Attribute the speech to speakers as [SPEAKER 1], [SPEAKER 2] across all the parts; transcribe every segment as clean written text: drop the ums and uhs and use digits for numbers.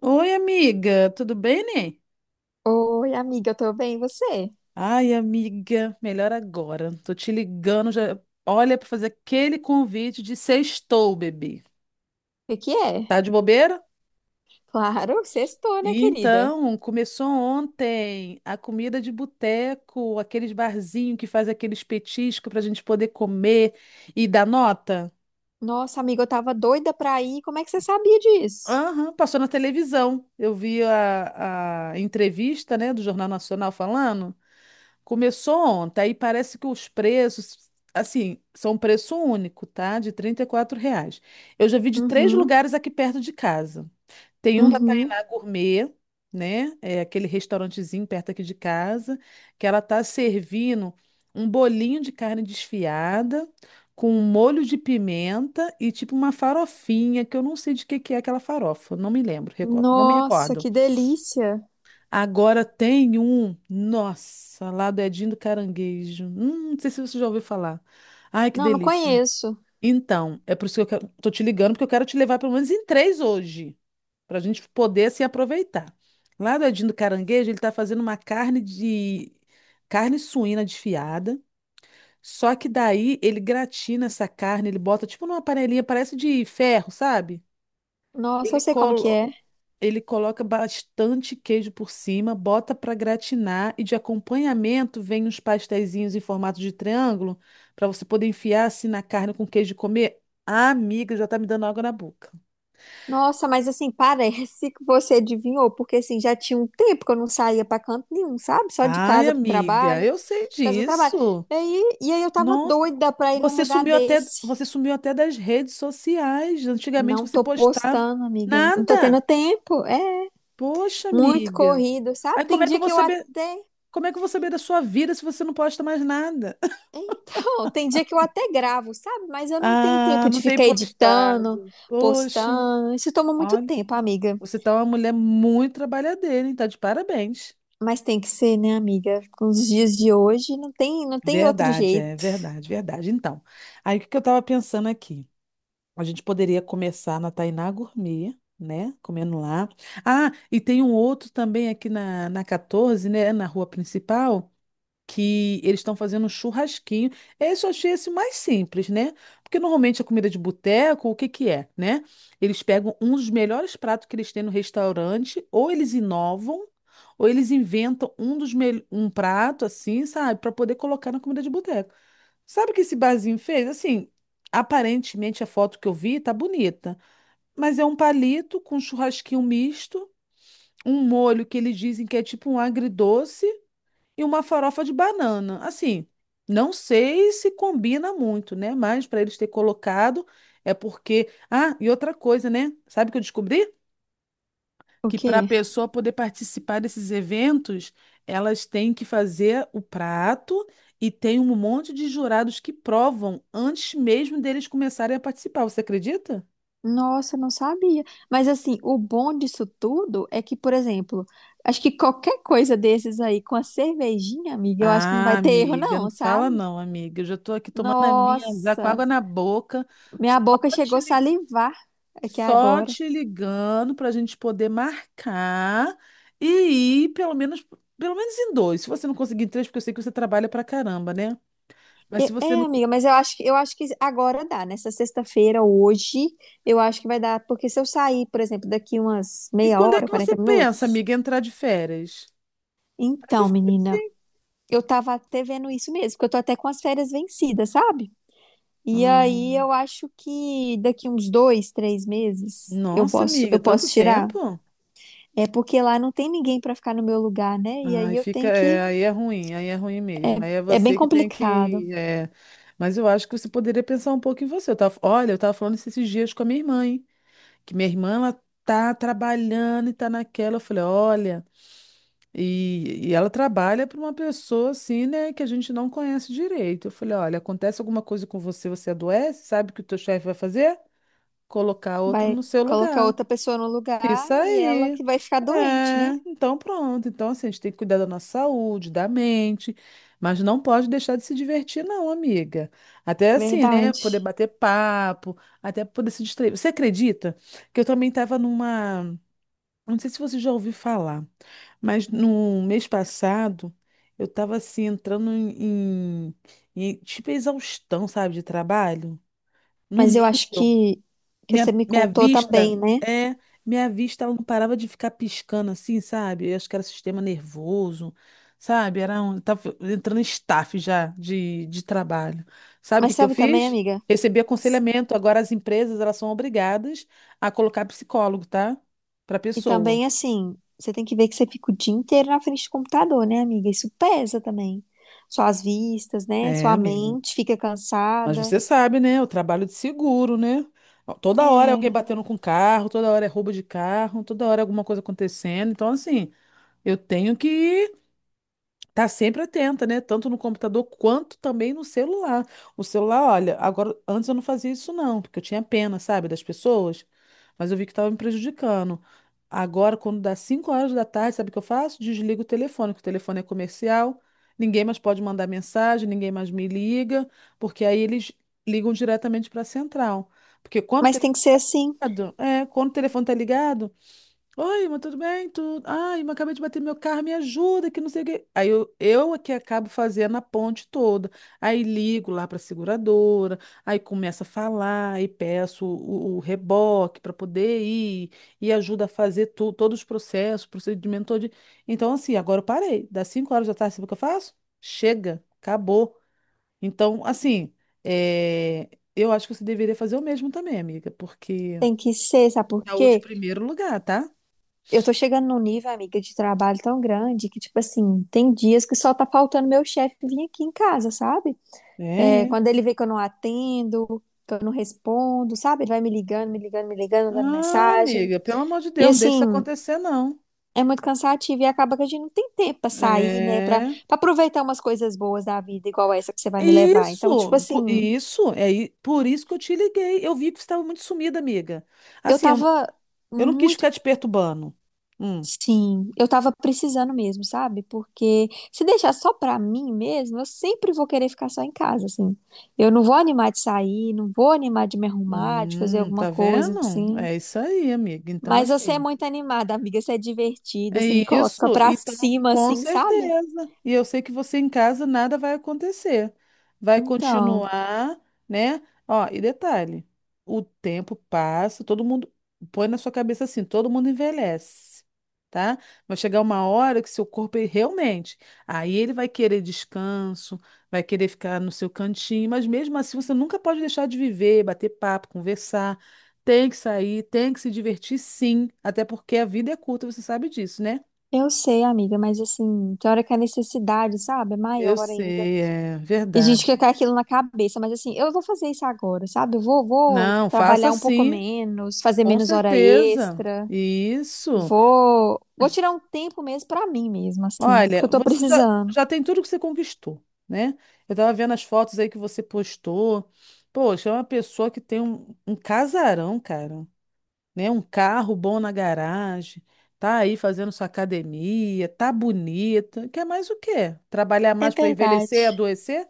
[SPEAKER 1] Oi, amiga, tudo bem, né?
[SPEAKER 2] Oi, amiga, eu tô bem, e você? O
[SPEAKER 1] Ai, amiga, melhor agora. Tô te ligando já. Olha, para fazer aquele convite de sextou, bebê.
[SPEAKER 2] que que é?
[SPEAKER 1] Tá de bobeira?
[SPEAKER 2] Claro, sextou, né, querida?
[SPEAKER 1] Então, começou ontem a comida de boteco, aqueles barzinho que faz aqueles petiscos para a gente poder comer e dar nota.
[SPEAKER 2] Nossa, amiga, eu tava doida pra ir. Como é que você sabia disso?
[SPEAKER 1] Aham, passou na televisão. Eu vi a entrevista, né, do Jornal Nacional falando. Começou ontem, aí parece que os preços, assim, são um preço único, tá? De 34 reais. Eu já vi de três
[SPEAKER 2] Uhum,
[SPEAKER 1] lugares aqui perto de casa. Tem um da
[SPEAKER 2] uhum.
[SPEAKER 1] Tainá Gourmet, né? É aquele restaurantezinho perto aqui de casa, que ela tá servindo um bolinho de carne desfiada com um molho de pimenta e tipo uma farofinha, que eu não sei de que é aquela farofa, não me lembro, não me
[SPEAKER 2] Nossa,
[SPEAKER 1] recordo.
[SPEAKER 2] que delícia.
[SPEAKER 1] Agora tem um, nossa, lá do Edinho do Caranguejo. Não sei se você já ouviu falar. Ai, que
[SPEAKER 2] Não, não
[SPEAKER 1] delícia.
[SPEAKER 2] conheço.
[SPEAKER 1] Então, é por isso que eu quero, tô te ligando, porque eu quero te levar pelo menos em três hoje, para a gente poder assim aproveitar. Lá do Edinho do Caranguejo, ele tá fazendo uma carne suína desfiada. Só que daí ele gratina essa carne, ele bota tipo numa panelinha, parece de ferro, sabe?
[SPEAKER 2] Nossa,
[SPEAKER 1] Ele
[SPEAKER 2] eu sei como que
[SPEAKER 1] colo...
[SPEAKER 2] é.
[SPEAKER 1] Ele coloca bastante queijo por cima, bota para gratinar e de acompanhamento vem uns pasteizinhos em formato de triângulo para você poder enfiar assim na carne com queijo e comer. Ah, amiga, já tá me dando água na boca.
[SPEAKER 2] Nossa, mas assim, parece que você adivinhou, porque assim, já tinha um tempo que eu não saía pra canto nenhum, sabe? Só de
[SPEAKER 1] Ai,
[SPEAKER 2] casa pro
[SPEAKER 1] amiga,
[SPEAKER 2] trabalho,
[SPEAKER 1] eu sei
[SPEAKER 2] de casa pro trabalho.
[SPEAKER 1] disso.
[SPEAKER 2] E aí eu tava
[SPEAKER 1] Nossa,
[SPEAKER 2] doida pra ir num lugar desse.
[SPEAKER 1] você sumiu até das redes sociais. Antigamente
[SPEAKER 2] Não
[SPEAKER 1] você
[SPEAKER 2] tô
[SPEAKER 1] postava
[SPEAKER 2] postando, amiga. Não tô tendo
[SPEAKER 1] nada.
[SPEAKER 2] tempo. É?
[SPEAKER 1] Poxa,
[SPEAKER 2] Muito
[SPEAKER 1] amiga.
[SPEAKER 2] corrido,
[SPEAKER 1] Aí
[SPEAKER 2] sabe?
[SPEAKER 1] como
[SPEAKER 2] Tem
[SPEAKER 1] é que eu
[SPEAKER 2] dia
[SPEAKER 1] vou
[SPEAKER 2] que eu
[SPEAKER 1] saber,
[SPEAKER 2] até.
[SPEAKER 1] como é que eu vou saber da sua vida se você não posta mais nada?
[SPEAKER 2] Então, tem dia que eu até gravo, sabe? Mas eu não tenho
[SPEAKER 1] Ah,
[SPEAKER 2] tempo de
[SPEAKER 1] não tem
[SPEAKER 2] ficar editando,
[SPEAKER 1] postado. Poxa,
[SPEAKER 2] postando. Isso toma muito
[SPEAKER 1] olha,
[SPEAKER 2] tempo, amiga.
[SPEAKER 1] você tá uma mulher muito trabalhadeira, hein? Tá de parabéns.
[SPEAKER 2] Mas tem que ser, né, amiga? Com os dias de hoje, não tem outro jeito.
[SPEAKER 1] Verdade. Então, aí o que que eu estava pensando aqui? A gente poderia começar na Tainá Gourmet, né? Comendo lá. Ah, e tem um outro também aqui na 14, né? Na rua principal. Que eles estão fazendo um churrasquinho. Esse eu achei esse mais simples, né? Porque normalmente a comida de boteco, o que que é, né? Eles pegam um dos melhores pratos que eles têm no restaurante, ou eles inovam, ou eles inventam um prato assim, sabe, para poder colocar na comida de boteco. Sabe o que esse barzinho fez? Assim, aparentemente a foto que eu vi tá bonita, mas é um palito com um churrasquinho misto, um molho que eles dizem que é tipo um agridoce e uma farofa de banana. Assim, não sei se combina muito, né? Mas para eles ter colocado é porque. Ah, e outra coisa, né? Sabe o que eu descobri?
[SPEAKER 2] O
[SPEAKER 1] Que
[SPEAKER 2] quê?
[SPEAKER 1] para a pessoa poder participar desses eventos, elas têm que fazer o prato e tem um monte de jurados que provam antes mesmo deles começarem a participar. Você acredita?
[SPEAKER 2] Nossa, eu não sabia. Mas assim, o bom disso tudo é que, por exemplo, acho que qualquer coisa desses aí com a cervejinha, amiga, eu acho que não
[SPEAKER 1] Ah,
[SPEAKER 2] vai ter erro,
[SPEAKER 1] amiga, não
[SPEAKER 2] não, sabe?
[SPEAKER 1] fala não, amiga. Eu já estou aqui tomando a minha já com
[SPEAKER 2] Nossa,
[SPEAKER 1] água na boca.
[SPEAKER 2] minha
[SPEAKER 1] Só
[SPEAKER 2] boca chegou
[SPEAKER 1] te
[SPEAKER 2] a salivar aqui
[SPEAKER 1] Só
[SPEAKER 2] agora.
[SPEAKER 1] te ligando para a gente poder marcar e ir pelo menos em dois. Se você não conseguir em três, porque eu sei que você trabalha pra caramba, né? Mas se
[SPEAKER 2] E-
[SPEAKER 1] você
[SPEAKER 2] É,
[SPEAKER 1] não. co-
[SPEAKER 2] amiga, mas eu acho que agora dá. Nessa sexta-feira, hoje, eu acho que vai dar, porque se eu sair, por exemplo, daqui umas
[SPEAKER 1] E
[SPEAKER 2] meia
[SPEAKER 1] quando é
[SPEAKER 2] hora,
[SPEAKER 1] que você
[SPEAKER 2] 40
[SPEAKER 1] pensa,
[SPEAKER 2] minutos.
[SPEAKER 1] amiga, em entrar de férias? Tá
[SPEAKER 2] Então,
[SPEAKER 1] difícil,
[SPEAKER 2] menina,
[SPEAKER 1] hein?
[SPEAKER 2] eu tava até vendo isso mesmo, porque eu tô até com as férias vencidas, sabe? E
[SPEAKER 1] Ah,
[SPEAKER 2] aí eu acho que daqui uns dois, três meses eu
[SPEAKER 1] nossa,
[SPEAKER 2] posso, eu
[SPEAKER 1] amiga, tanto
[SPEAKER 2] posso tirar.
[SPEAKER 1] tempo?
[SPEAKER 2] É porque lá não tem ninguém pra ficar no meu lugar, né? E
[SPEAKER 1] Ai,
[SPEAKER 2] aí eu
[SPEAKER 1] fica.
[SPEAKER 2] tenho
[SPEAKER 1] É,
[SPEAKER 2] que.
[SPEAKER 1] aí é ruim mesmo. Aí é
[SPEAKER 2] É bem
[SPEAKER 1] você que tem
[SPEAKER 2] complicado.
[SPEAKER 1] que. É. Mas eu acho que você poderia pensar um pouco em você. Eu tava falando isso esses dias com a minha irmã, hein? Que minha irmã ela tá trabalhando e tá naquela. Eu falei, olha, e ela trabalha para uma pessoa assim, né, que a gente não conhece direito. Eu falei, olha, acontece alguma coisa com você, você adoece, sabe o que o teu chefe vai fazer? Colocar outro
[SPEAKER 2] Vai
[SPEAKER 1] no seu
[SPEAKER 2] colocar
[SPEAKER 1] lugar.
[SPEAKER 2] outra pessoa no lugar
[SPEAKER 1] Isso
[SPEAKER 2] e ela
[SPEAKER 1] aí.
[SPEAKER 2] que vai ficar doente, né?
[SPEAKER 1] É, então pronto. Então, assim, a gente tem que cuidar da nossa saúde, da mente, mas não pode deixar de se divertir, não, amiga. Até assim, né? Poder
[SPEAKER 2] Verdade.
[SPEAKER 1] bater papo, até poder se distrair. Você acredita que eu também estava numa. Não sei se você já ouviu falar, mas no mês passado eu estava assim em, tipo exaustão, sabe, de trabalho, num
[SPEAKER 2] Mas eu acho
[SPEAKER 1] nível.
[SPEAKER 2] que
[SPEAKER 1] Minha,
[SPEAKER 2] você me
[SPEAKER 1] minha
[SPEAKER 2] contou
[SPEAKER 1] vista,
[SPEAKER 2] também, né?
[SPEAKER 1] é, minha vista ela não parava de ficar piscando assim, sabe? Eu acho que era sistema nervoso, sabe? Era um, tava entrando em staff já de trabalho. Sabe o que
[SPEAKER 2] Mas
[SPEAKER 1] que eu
[SPEAKER 2] sabe também,
[SPEAKER 1] fiz?
[SPEAKER 2] amiga?
[SPEAKER 1] Recebi aconselhamento. Agora as empresas elas são obrigadas a colocar psicólogo, tá? Para
[SPEAKER 2] E
[SPEAKER 1] pessoa.
[SPEAKER 2] também, assim, você tem que ver que você fica o dia inteiro na frente do computador, né, amiga? Isso pesa também. Suas vistas, né?
[SPEAKER 1] É,
[SPEAKER 2] Sua
[SPEAKER 1] amiga.
[SPEAKER 2] mente fica
[SPEAKER 1] Mas
[SPEAKER 2] cansada.
[SPEAKER 1] você sabe, né? O trabalho de seguro, né? Toda hora é
[SPEAKER 2] É.
[SPEAKER 1] alguém batendo com carro, toda hora é roubo de carro, toda hora é alguma coisa acontecendo. Então, assim, eu tenho que tá sempre atenta, né? Tanto no computador quanto também no celular. O celular, olha, agora antes eu não fazia isso não, porque eu tinha pena, sabe, das pessoas, mas eu vi que estava me prejudicando. Agora, quando dá 5 horas da tarde, sabe o que eu faço? Desligo o telefone, que o telefone é comercial, ninguém mais pode mandar mensagem, ninguém mais me liga, porque aí eles ligam diretamente para a central. Porque quando o
[SPEAKER 2] Mas
[SPEAKER 1] telefone,
[SPEAKER 2] tem que ser assim.
[SPEAKER 1] é, quando o telefone tá ligado, oi, mas tudo bem? Tudo. Ai, mas acabei de bater meu carro, me ajuda, que não sei o quê. Aí eu é que acabo fazendo a ponte toda. Aí ligo lá para a seguradora, aí começo a falar, aí peço o reboque para poder ir, e ajuda a fazer todos os processos, procedimento todo. Então, assim, agora eu parei. Das 5 horas da tarde, sabe o que eu faço? Chega, acabou. Então, assim, é, eu acho que você deveria fazer o mesmo também, amiga, porque
[SPEAKER 2] Tem que ser, sabe por
[SPEAKER 1] saúde em
[SPEAKER 2] quê?
[SPEAKER 1] primeiro lugar, tá?
[SPEAKER 2] Eu tô chegando num nível, amiga, de trabalho tão grande que, tipo assim, tem dias que só tá faltando meu chefe vir aqui em casa, sabe? É,
[SPEAKER 1] É.
[SPEAKER 2] quando ele vê que eu não atendo, que eu não respondo, sabe? Ele vai me ligando, me ligando, me ligando, dando
[SPEAKER 1] Ah,
[SPEAKER 2] mensagem.
[SPEAKER 1] amiga, pelo amor de Deus,
[SPEAKER 2] E
[SPEAKER 1] não deixa isso
[SPEAKER 2] assim,
[SPEAKER 1] acontecer, não.
[SPEAKER 2] é muito cansativo e acaba que a gente não tem tempo pra sair, né? Pra,
[SPEAKER 1] É.
[SPEAKER 2] pra aproveitar umas coisas boas da vida, igual essa que você vai me levar. Então, tipo assim,
[SPEAKER 1] Por isso que eu te liguei. Eu vi que você estava muito sumida, amiga.
[SPEAKER 2] eu
[SPEAKER 1] Assim, eu, não-
[SPEAKER 2] tava
[SPEAKER 1] eu não quis
[SPEAKER 2] muito.
[SPEAKER 1] ficar te perturbando. Hum.
[SPEAKER 2] Sim, eu tava precisando mesmo, sabe? Porque se deixar só pra mim mesmo, eu sempre vou querer ficar só em casa, assim. Eu não vou animar de sair, não vou animar de me arrumar, de fazer alguma
[SPEAKER 1] Tá
[SPEAKER 2] coisa,
[SPEAKER 1] vendo?
[SPEAKER 2] assim.
[SPEAKER 1] É isso aí, amiga. Então,
[SPEAKER 2] Mas você é
[SPEAKER 1] assim.
[SPEAKER 2] muito animada, amiga. Você é divertida,
[SPEAKER 1] É
[SPEAKER 2] você me coloca
[SPEAKER 1] isso,
[SPEAKER 2] pra
[SPEAKER 1] então,
[SPEAKER 2] cima,
[SPEAKER 1] com
[SPEAKER 2] assim, sabe?
[SPEAKER 1] certeza. E eu sei que você em casa nada vai acontecer. Vai
[SPEAKER 2] Então,
[SPEAKER 1] continuar, né? Ó, e detalhe, o tempo passa, todo mundo põe na sua cabeça assim, todo mundo envelhece, tá? Vai chegar uma hora que seu corpo ele realmente, aí ele vai querer descanso, vai querer ficar no seu cantinho, mas mesmo assim você nunca pode deixar de viver, bater papo, conversar, tem que sair, tem que se divertir sim, até porque a vida é curta, você sabe disso, né?
[SPEAKER 2] eu sei, amiga, mas assim, tem hora que a necessidade, sabe, é
[SPEAKER 1] Eu
[SPEAKER 2] maior ainda.
[SPEAKER 1] sei, é
[SPEAKER 2] E a gente fica
[SPEAKER 1] verdade.
[SPEAKER 2] com aquilo na cabeça, mas assim, eu vou fazer isso agora, sabe? Eu vou
[SPEAKER 1] Não, faça
[SPEAKER 2] trabalhar um pouco
[SPEAKER 1] sim,
[SPEAKER 2] menos, fazer
[SPEAKER 1] com
[SPEAKER 2] menos hora
[SPEAKER 1] certeza.
[SPEAKER 2] extra,
[SPEAKER 1] Isso.
[SPEAKER 2] vou tirar um tempo mesmo pra mim mesma, assim, porque
[SPEAKER 1] Olha,
[SPEAKER 2] eu tô precisando.
[SPEAKER 1] já tem tudo que você conquistou, né? Eu tava vendo as fotos aí que você postou. Poxa, é uma pessoa que tem um casarão, cara, né? Um carro bom na garagem, tá aí fazendo sua academia, tá bonita. Quer mais o quê? Trabalhar
[SPEAKER 2] É
[SPEAKER 1] mais para envelhecer e
[SPEAKER 2] verdade.
[SPEAKER 1] adoecer?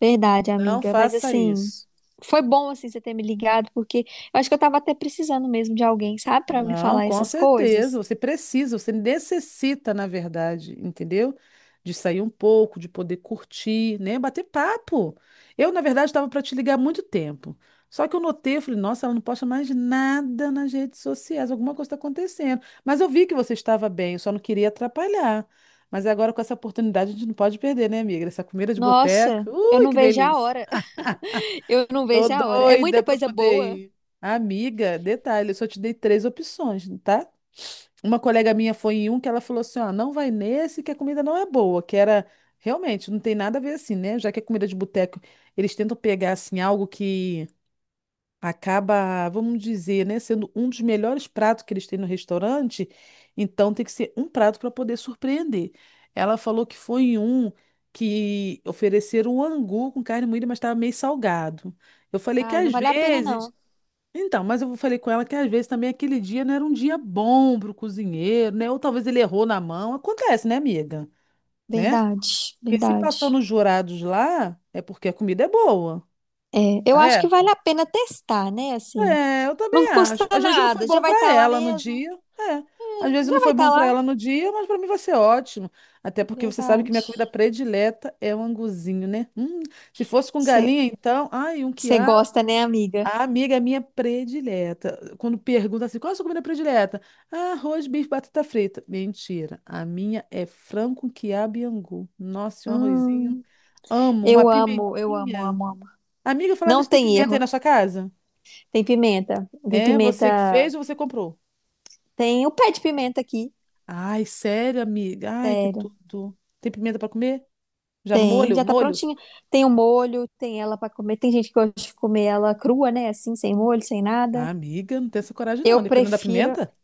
[SPEAKER 2] Verdade,
[SPEAKER 1] Não
[SPEAKER 2] amiga. Mas
[SPEAKER 1] faça
[SPEAKER 2] assim,
[SPEAKER 1] isso.
[SPEAKER 2] foi bom assim você ter me ligado, porque eu acho que eu tava até precisando mesmo de alguém, sabe, pra me
[SPEAKER 1] Não,
[SPEAKER 2] falar
[SPEAKER 1] com
[SPEAKER 2] essas
[SPEAKER 1] certeza.
[SPEAKER 2] coisas.
[SPEAKER 1] Você precisa, você necessita, na verdade, entendeu? De sair um pouco, de poder curtir, né? Bater papo. Eu, na verdade, estava para te ligar há muito tempo. Só que eu notei, eu falei, nossa, ela não posta mais nada nas redes sociais, alguma coisa está acontecendo. Mas eu vi que você estava bem, eu só não queria atrapalhar. Mas agora, com essa oportunidade, a gente não pode perder, né, amiga? Essa comida de
[SPEAKER 2] Nossa,
[SPEAKER 1] boteca.
[SPEAKER 2] eu
[SPEAKER 1] Ui,
[SPEAKER 2] não
[SPEAKER 1] que
[SPEAKER 2] vejo a
[SPEAKER 1] delícia!
[SPEAKER 2] hora. Eu não
[SPEAKER 1] Tô
[SPEAKER 2] vejo a hora. É
[SPEAKER 1] doida
[SPEAKER 2] muita
[SPEAKER 1] pra
[SPEAKER 2] coisa
[SPEAKER 1] poder
[SPEAKER 2] boa.
[SPEAKER 1] ir. Amiga, detalhe, eu só te dei três opções, tá? Uma colega minha foi em um que ela falou assim, ó, não vai nesse que a comida não é boa, que era realmente não tem nada a ver assim, né? Já que é comida de boteco, eles tentam pegar assim algo que acaba, vamos dizer, né, sendo um dos melhores pratos que eles têm no restaurante, então tem que ser um prato para poder surpreender. Ela falou que foi em um que ofereceram um angu com carne moída, mas estava meio salgado. Eu falei que
[SPEAKER 2] Ai, não
[SPEAKER 1] às
[SPEAKER 2] vale a pena
[SPEAKER 1] vezes,
[SPEAKER 2] não.
[SPEAKER 1] então, mas eu falei com ela que às vezes também aquele dia não era um dia bom para o cozinheiro, né? Ou talvez ele errou na mão. Acontece, né, amiga? Né?
[SPEAKER 2] Verdade,
[SPEAKER 1] Porque se passou
[SPEAKER 2] verdade.
[SPEAKER 1] nos jurados lá, é porque a comida é boa,
[SPEAKER 2] É, eu acho que vale
[SPEAKER 1] correto?
[SPEAKER 2] a pena testar, né? Assim,
[SPEAKER 1] É, eu
[SPEAKER 2] não
[SPEAKER 1] também
[SPEAKER 2] custa
[SPEAKER 1] acho. Às vezes não foi
[SPEAKER 2] nada. Já
[SPEAKER 1] bom
[SPEAKER 2] vai
[SPEAKER 1] para
[SPEAKER 2] estar lá
[SPEAKER 1] ela no
[SPEAKER 2] mesmo.
[SPEAKER 1] dia. É. Às
[SPEAKER 2] É,
[SPEAKER 1] vezes
[SPEAKER 2] já
[SPEAKER 1] não
[SPEAKER 2] vai
[SPEAKER 1] foi
[SPEAKER 2] estar
[SPEAKER 1] bom para
[SPEAKER 2] lá.
[SPEAKER 1] ela no dia, mas para mim vai ser ótimo. Até porque você sabe que
[SPEAKER 2] Verdade.
[SPEAKER 1] minha comida predileta é o anguzinho, né? Se fosse com
[SPEAKER 2] Você
[SPEAKER 1] galinha, então, ai, um quiabo.
[SPEAKER 2] gosta, né, amiga?
[SPEAKER 1] A amiga minha predileta. Quando pergunta assim, qual é a sua comida predileta? Ah, arroz, bife, batata frita. Mentira. A minha é frango com quiabo e angu. Nossa, e um arrozinho.
[SPEAKER 2] Hum,
[SPEAKER 1] Amo uma
[SPEAKER 2] eu amo,
[SPEAKER 1] pimentinha.
[SPEAKER 2] amo, amo.
[SPEAKER 1] Amiga, falar
[SPEAKER 2] Não
[SPEAKER 1] nisso, tem
[SPEAKER 2] tem
[SPEAKER 1] pimenta aí
[SPEAKER 2] erro.
[SPEAKER 1] na sua casa?
[SPEAKER 2] Tem pimenta. Tem
[SPEAKER 1] É, você que fez
[SPEAKER 2] pimenta.
[SPEAKER 1] ou você comprou?
[SPEAKER 2] Tem o pé de pimenta aqui.
[SPEAKER 1] Ai, sério, amiga? Ai, que
[SPEAKER 2] Sério.
[SPEAKER 1] tudo. Tem pimenta pra comer? Já no
[SPEAKER 2] Tem,
[SPEAKER 1] molho?
[SPEAKER 2] já tá
[SPEAKER 1] Molho?
[SPEAKER 2] prontinha. Tem o molho, tem ela pra comer. Tem gente que gosta de comer ela crua, né? Assim, sem molho, sem
[SPEAKER 1] Ah,
[SPEAKER 2] nada.
[SPEAKER 1] amiga, não tem essa coragem
[SPEAKER 2] Eu
[SPEAKER 1] não, dependendo da
[SPEAKER 2] prefiro.
[SPEAKER 1] pimenta.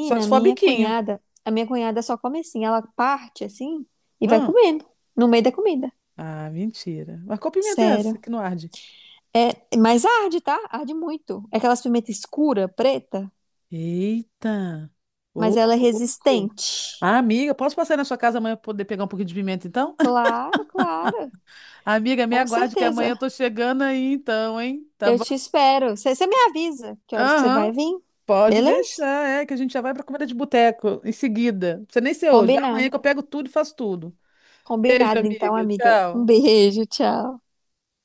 [SPEAKER 1] Só se for
[SPEAKER 2] minha
[SPEAKER 1] biquinho.
[SPEAKER 2] cunhada. A minha cunhada só come assim. Ela parte assim e vai
[SPEAKER 1] Hã?
[SPEAKER 2] comendo. No meio da comida.
[SPEAKER 1] Ah, mentira. Mas qual pimenta é essa
[SPEAKER 2] Sério.
[SPEAKER 1] que não arde?
[SPEAKER 2] É, mas arde, tá? Arde muito. É aquelas pimenta escura, preta,
[SPEAKER 1] Eita! Ô,
[SPEAKER 2] mas ela é
[SPEAKER 1] louco!
[SPEAKER 2] resistente.
[SPEAKER 1] Ah, amiga, posso passar aí na sua casa amanhã pra poder pegar um pouquinho de pimenta, então?
[SPEAKER 2] Claro, claro.
[SPEAKER 1] Amiga, me
[SPEAKER 2] Com
[SPEAKER 1] aguarde que amanhã
[SPEAKER 2] certeza.
[SPEAKER 1] eu tô chegando aí, então, hein? Tá
[SPEAKER 2] Eu
[SPEAKER 1] bom?
[SPEAKER 2] te espero. Você me avisa que horas que você
[SPEAKER 1] Aham,
[SPEAKER 2] vai vir?
[SPEAKER 1] pode
[SPEAKER 2] Beleza?
[SPEAKER 1] deixar, é que a gente já vai pra comida de boteco em seguida. Não precisa nem ser hoje, vai
[SPEAKER 2] Combinado.
[SPEAKER 1] amanhã que eu pego tudo e faço tudo. Beijo,
[SPEAKER 2] Combinado, então,
[SPEAKER 1] amiga.
[SPEAKER 2] amiga. Um
[SPEAKER 1] Tchau.
[SPEAKER 2] beijo, tchau.